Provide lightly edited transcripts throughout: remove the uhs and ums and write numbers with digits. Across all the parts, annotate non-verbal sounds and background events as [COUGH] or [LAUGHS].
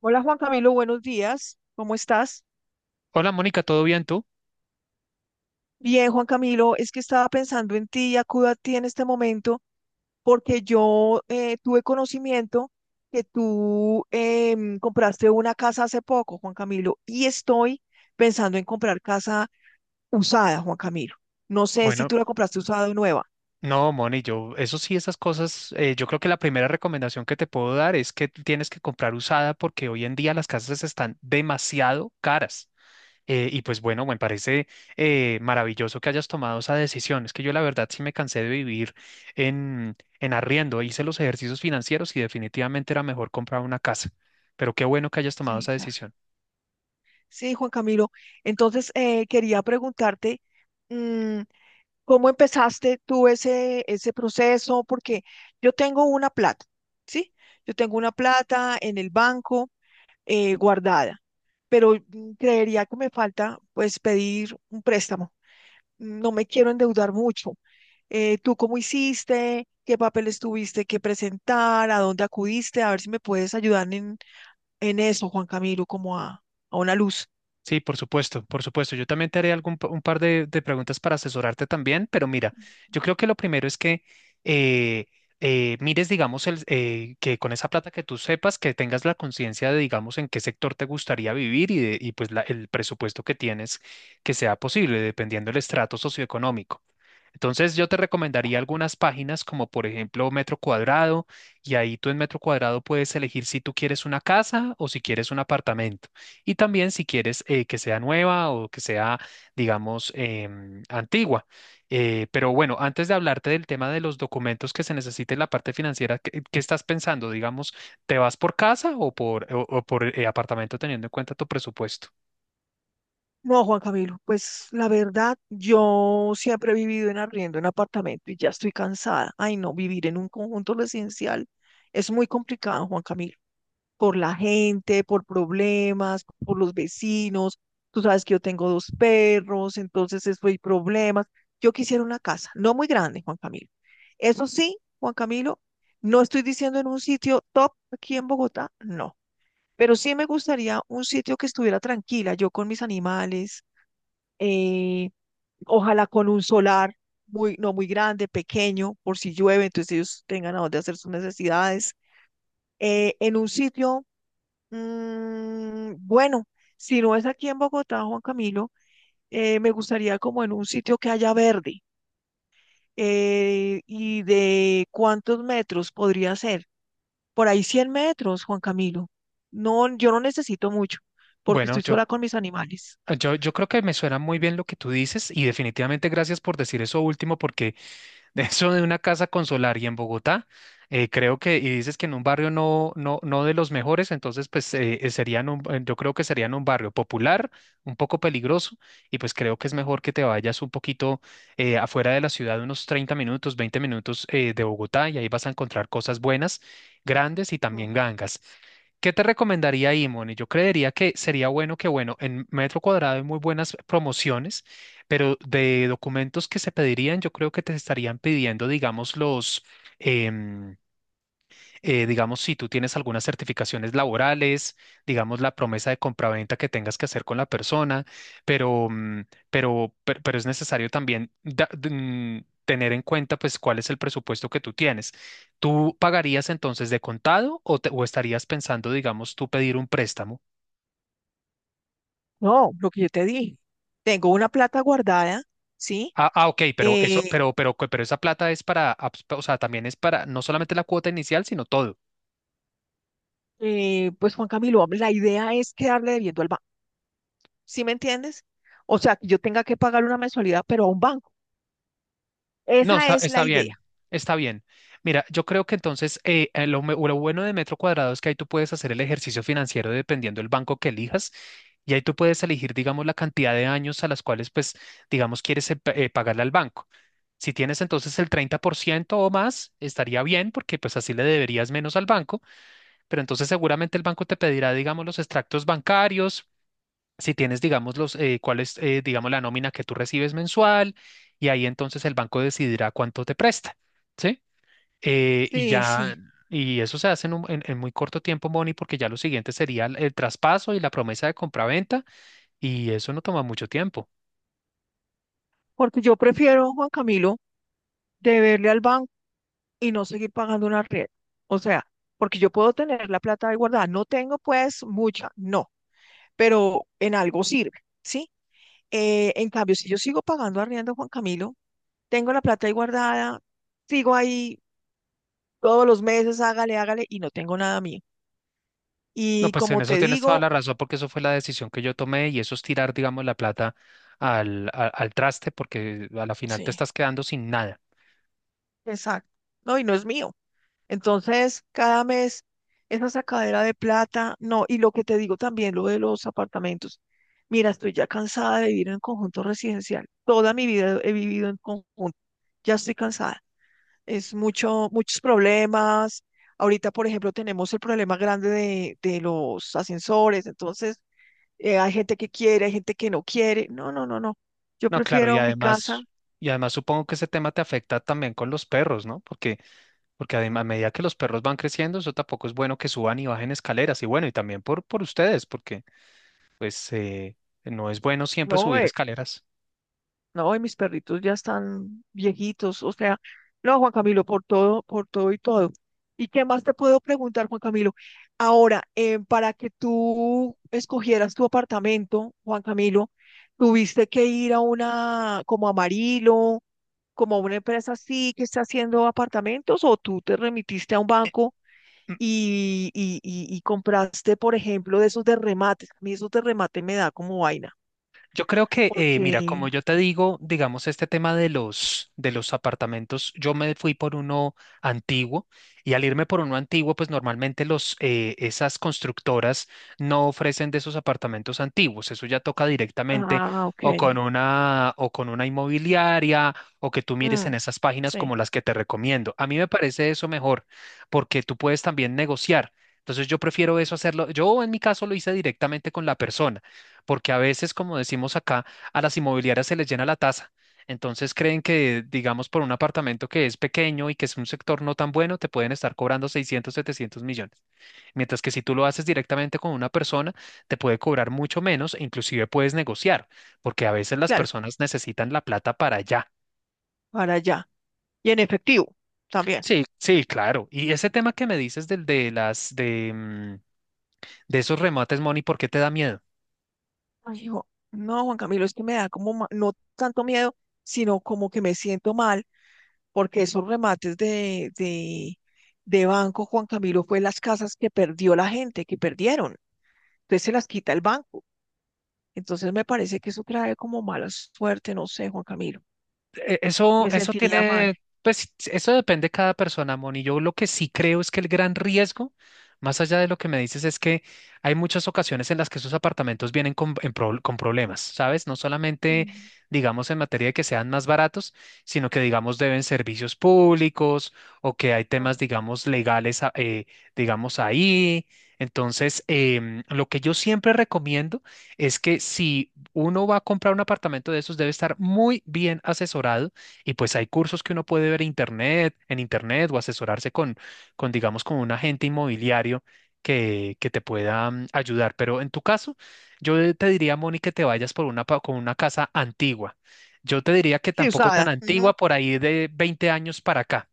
Hola Juan Camilo, buenos días. ¿Cómo estás? Hola Mónica, ¿todo bien tú? Bien, Juan Camilo, es que estaba pensando en ti y acudo a ti en este momento porque yo tuve conocimiento que tú compraste una casa hace poco, Juan Camilo, y estoy pensando en comprar casa usada, Juan Camilo. No sé si Bueno, tú la compraste usada o nueva. No, Moni, yo, eso sí, esas cosas, yo creo que la primera recomendación que te puedo dar es que tienes que comprar usada porque hoy en día las casas están demasiado caras. Y pues bueno, me parece maravilloso que hayas tomado esa decisión. Es que yo la verdad sí me cansé de vivir en arriendo, hice los ejercicios financieros y definitivamente era mejor comprar una casa. Pero qué bueno que hayas tomado Sí, esa claro. decisión. Sí, Juan Camilo. Entonces, quería preguntarte, mm, ¿cómo empezaste tú ese proceso? Porque yo tengo una plata, ¿sí? Yo tengo una plata en el banco guardada, pero creería que me falta, pues, pedir un préstamo. No me quiero endeudar mucho. ¿Tú cómo hiciste? ¿Qué papeles tuviste que presentar? ¿A dónde acudiste? A ver si me puedes ayudar en eso, Juan Camilo, como a una luz. Sí, por supuesto, por supuesto. Yo también te haré algún, un par de preguntas para asesorarte también, pero mira, yo creo que lo primero es que eh, mires, digamos, el, que con esa plata que tú sepas, que tengas la conciencia de, digamos, en qué sector te gustaría vivir y, y pues el presupuesto que tienes que sea posible, dependiendo del estrato socioeconómico. Entonces yo te recomendaría algunas páginas como por ejemplo Metro Cuadrado y ahí tú en Metro Cuadrado puedes elegir si tú quieres una casa o si quieres un apartamento y también si quieres que sea nueva o que sea digamos antigua. Pero bueno, antes de hablarte del tema de los documentos que se necesiten en la parte financiera, ¿qué, qué estás pensando? Digamos, ¿te vas por casa o por, o por apartamento teniendo en cuenta tu presupuesto? No, Juan Camilo, pues la verdad, yo siempre he vivido en arriendo en apartamento y ya estoy cansada. Ay, no, vivir en un conjunto residencial es muy complicado, Juan Camilo, por la gente, por problemas, por los vecinos. Tú sabes que yo tengo 2 perros, entonces eso hay problemas. Yo quisiera una casa, no muy grande, Juan Camilo. Eso sí, Juan Camilo, no estoy diciendo en un sitio top aquí en Bogotá, no. Pero sí me gustaría un sitio que estuviera tranquila, yo con mis animales eh, ojalá con un solar muy, no muy grande, pequeño, por si llueve, entonces ellos tengan a dónde hacer sus necesidades. En un sitio, bueno, si no es aquí en Bogotá, Juan Camilo, me gustaría como en un sitio que haya verde. ¿Y de cuántos metros podría ser? Por ahí 100 metros, Juan Camilo. No, yo no necesito mucho porque Bueno, estoy yo sola con mis animales. Yo, yo creo que me suena muy bien lo que tú dices y definitivamente gracias por decir eso último porque [LAUGHS] de eso de una casa con solar y en Bogotá, creo que, y dices que en un barrio no, no, no de los mejores, entonces pues serían un, yo creo que serían un barrio popular, un poco peligroso y pues creo que es mejor que te vayas un poquito afuera de la ciudad, unos 30 minutos, 20 minutos de Bogotá y ahí vas a encontrar cosas buenas, grandes y también gangas. ¿Qué te recomendaría ahí, Moni? Yo creería que sería bueno que, bueno, en metro cuadrado hay muy buenas promociones, pero de documentos que se pedirían, yo creo que te estarían pidiendo, digamos, los, em, digamos, si tú tienes algunas certificaciones laborales, digamos, la promesa de compraventa que tengas que hacer con la persona, pero, mm, pero es necesario también tener en cuenta, pues, cuál es el presupuesto que tú tienes. ¿Tú pagarías entonces de contado o, o estarías pensando, digamos, tú pedir un préstamo? No, lo que yo te dije, tengo una plata guardada, ¿sí? Ok, pero eso, Eh, pero esa plata es para, o sea, también es para no solamente la cuota inicial, sino todo. Pues Juan Camilo, la idea es quedarle debiendo al banco, ¿sí me entiendes? O sea, que yo tenga que pagar una mensualidad, pero a un banco. No, está, Esa es la está bien, idea. está bien. Mira, yo creo que entonces lo, lo bueno de metro cuadrado es que ahí tú puedes hacer el ejercicio financiero dependiendo del banco que elijas y ahí tú puedes elegir, digamos, la cantidad de años a las cuales, pues, digamos, quieres pagarle al banco. Si tienes entonces el 30% o más, estaría bien porque pues así le deberías menos al banco, pero entonces seguramente el banco te pedirá, digamos, los extractos bancarios, si tienes, digamos, los, cuál es, digamos, la nómina que tú recibes mensual, y ahí entonces el banco decidirá cuánto te presta, ¿sí? Y Sí, ya, sí. y eso se hace en, en muy corto tiempo, Moni, porque ya lo siguiente sería el traspaso y la promesa de compraventa, y eso no toma mucho tiempo. Porque yo prefiero, Juan Camilo, deberle al banco y no seguir pagando una red. O sea, porque yo puedo tener la plata ahí guardada, no tengo pues mucha, no, pero en algo sirve, ¿sí? En cambio, si yo sigo pagando arriendo, Juan Camilo, tengo la plata ahí guardada, sigo ahí todos los meses, hágale, hágale, y no tengo nada mío. No, Y pues en como eso te tienes toda digo, la razón, porque eso fue la decisión que yo tomé, y eso es tirar, digamos, la plata al, al traste, porque a la final te sí, estás quedando sin nada. exacto, no, y no es mío. Entonces, cada mes, esa sacadera de plata, no, y lo que te digo también, lo de los apartamentos. Mira, estoy ya cansada de vivir en conjunto residencial. Toda mi vida he vivido en conjunto. Ya estoy cansada. Es mucho, muchos problemas. Ahorita, por ejemplo, tenemos el problema grande de los ascensores. Entonces, hay gente que quiere, hay gente que no quiere. No, no, no, no. Yo No, claro, y prefiero mi casa. además. Y además supongo que ese tema te afecta también con los perros, ¿no? Porque, porque a medida que los perros van creciendo, eso tampoco es bueno que suban y bajen escaleras. Y bueno, y también por ustedes, porque pues no es bueno siempre No, subir escaleras. no, y mis perritos ya están viejitos. O sea, no, Juan Camilo, por todo y todo. ¿Y qué más te puedo preguntar, Juan Camilo? Ahora, para que tú escogieras tu apartamento, Juan Camilo, tuviste que ir a una, como Amarillo, como a una empresa así que está haciendo apartamentos, o tú te remitiste a un banco y compraste, por ejemplo, de esos de remate. A mí esos de remate me da como vaina, Yo creo que, mira, como porque, yo te digo, digamos, este tema de los apartamentos, yo me fui por uno antiguo y al irme por uno antiguo, pues normalmente los, esas constructoras no ofrecen de esos apartamentos antiguos. Eso ya toca directamente ah, ok, o con una inmobiliaria o que tú mires en mm, esas páginas sí, como las que te recomiendo. A mí me parece eso mejor porque tú puedes también negociar. Entonces yo prefiero eso hacerlo. Yo en mi caso lo hice directamente con la persona porque a veces, como decimos acá, a las inmobiliarias se les llena la taza. Entonces creen que, digamos, por un apartamento que es pequeño y que es un sector no tan bueno, te pueden estar cobrando 600, 700 millones. Mientras que si tú lo haces directamente con una persona, te puede cobrar mucho menos e inclusive puedes negociar, porque a veces las claro, personas necesitan la plata para allá. para allá. Y en efectivo, también. Sí, sí, claro. Y ese tema que me dices del de las de, mm, de esos remates, Moni, ¿por qué te da miedo? Ay, hijo, no, Juan Camilo, es que me da como, no tanto miedo, sino como que me siento mal, porque esos remates de banco, Juan Camilo, fue las casas que perdió la gente, que perdieron. Entonces se las quita el banco. Entonces me parece que eso trae como mala suerte, no sé, Juan Camilo. Eso, Me eso sentiría mal. tiene, pues eso depende de cada persona, Moni. Yo lo que sí creo es que el gran riesgo, más allá de lo que me dices, es que hay muchas ocasiones en las que esos apartamentos vienen con, con problemas, ¿sabes? No solamente, Mm. digamos, en materia de que sean más baratos, sino que, digamos, deben servicios públicos o que hay temas, digamos, legales, digamos, ahí. Entonces, lo que yo siempre recomiendo es que si uno va a comprar un apartamento de esos, debe estar muy bien asesorado y pues hay cursos que uno puede ver internet, en internet o asesorarse con digamos, con un agente inmobiliario que te pueda ayudar. Pero en tu caso, yo te diría, Moni, que te vayas por una, con una casa antigua. Yo te diría que Sí, tampoco usada. tan Ujú. antigua, por ahí de 20 años para acá.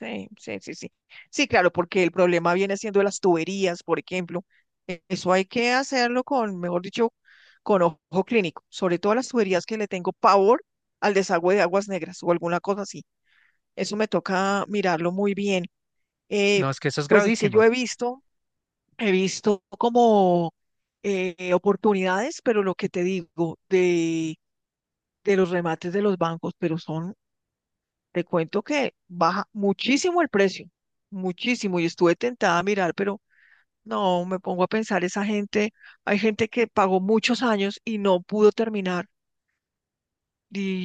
Sí, sí, sí, sí. Sí, claro, porque el problema viene siendo las tuberías, por ejemplo. Eso hay que hacerlo con, mejor dicho, con ojo clínico, sobre todo las tuberías que le tengo pavor al desagüe de aguas negras o alguna cosa así. Eso me toca mirarlo muy bien. Eh, No, es que eso es pues es que gravísimo. He visto como oportunidades, pero lo que te digo de los remates de los bancos, pero son, te cuento que baja muchísimo el precio, muchísimo, y estuve tentada a mirar, pero no, me pongo a pensar, esa gente, hay gente que pagó muchos años y no pudo terminar,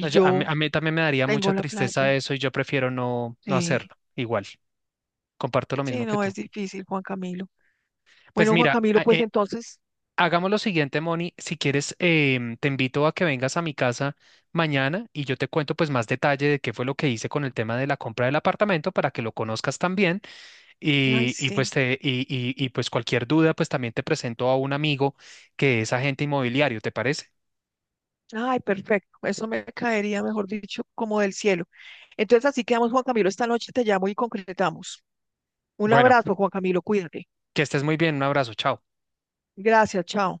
No, yo a mí también me daría mucha tengo la tristeza plata, eso y yo prefiero no, no sí, hacerlo. Igual, comparto lo sí, mismo que no, tú. es difícil, Juan Camilo. Pues Bueno, Juan mira, Camilo, pues entonces, hagamos lo siguiente, Moni. Si quieres, te invito a que vengas a mi casa mañana y yo te cuento pues más detalle de qué fue lo que hice con el tema de la compra del apartamento para que lo conozcas también. ay, Y, pues sí, te, y pues cualquier duda, pues también te presento a un amigo que es agente inmobiliario, ¿te parece? ay, perfecto, eso me caería, mejor dicho, como del cielo. Entonces así quedamos, Juan Camilo, esta noche te llamo y concretamos. Un Bueno, abrazo, Juan Camilo, cuídate. que estés muy bien, un abrazo, chao. Gracias, chao.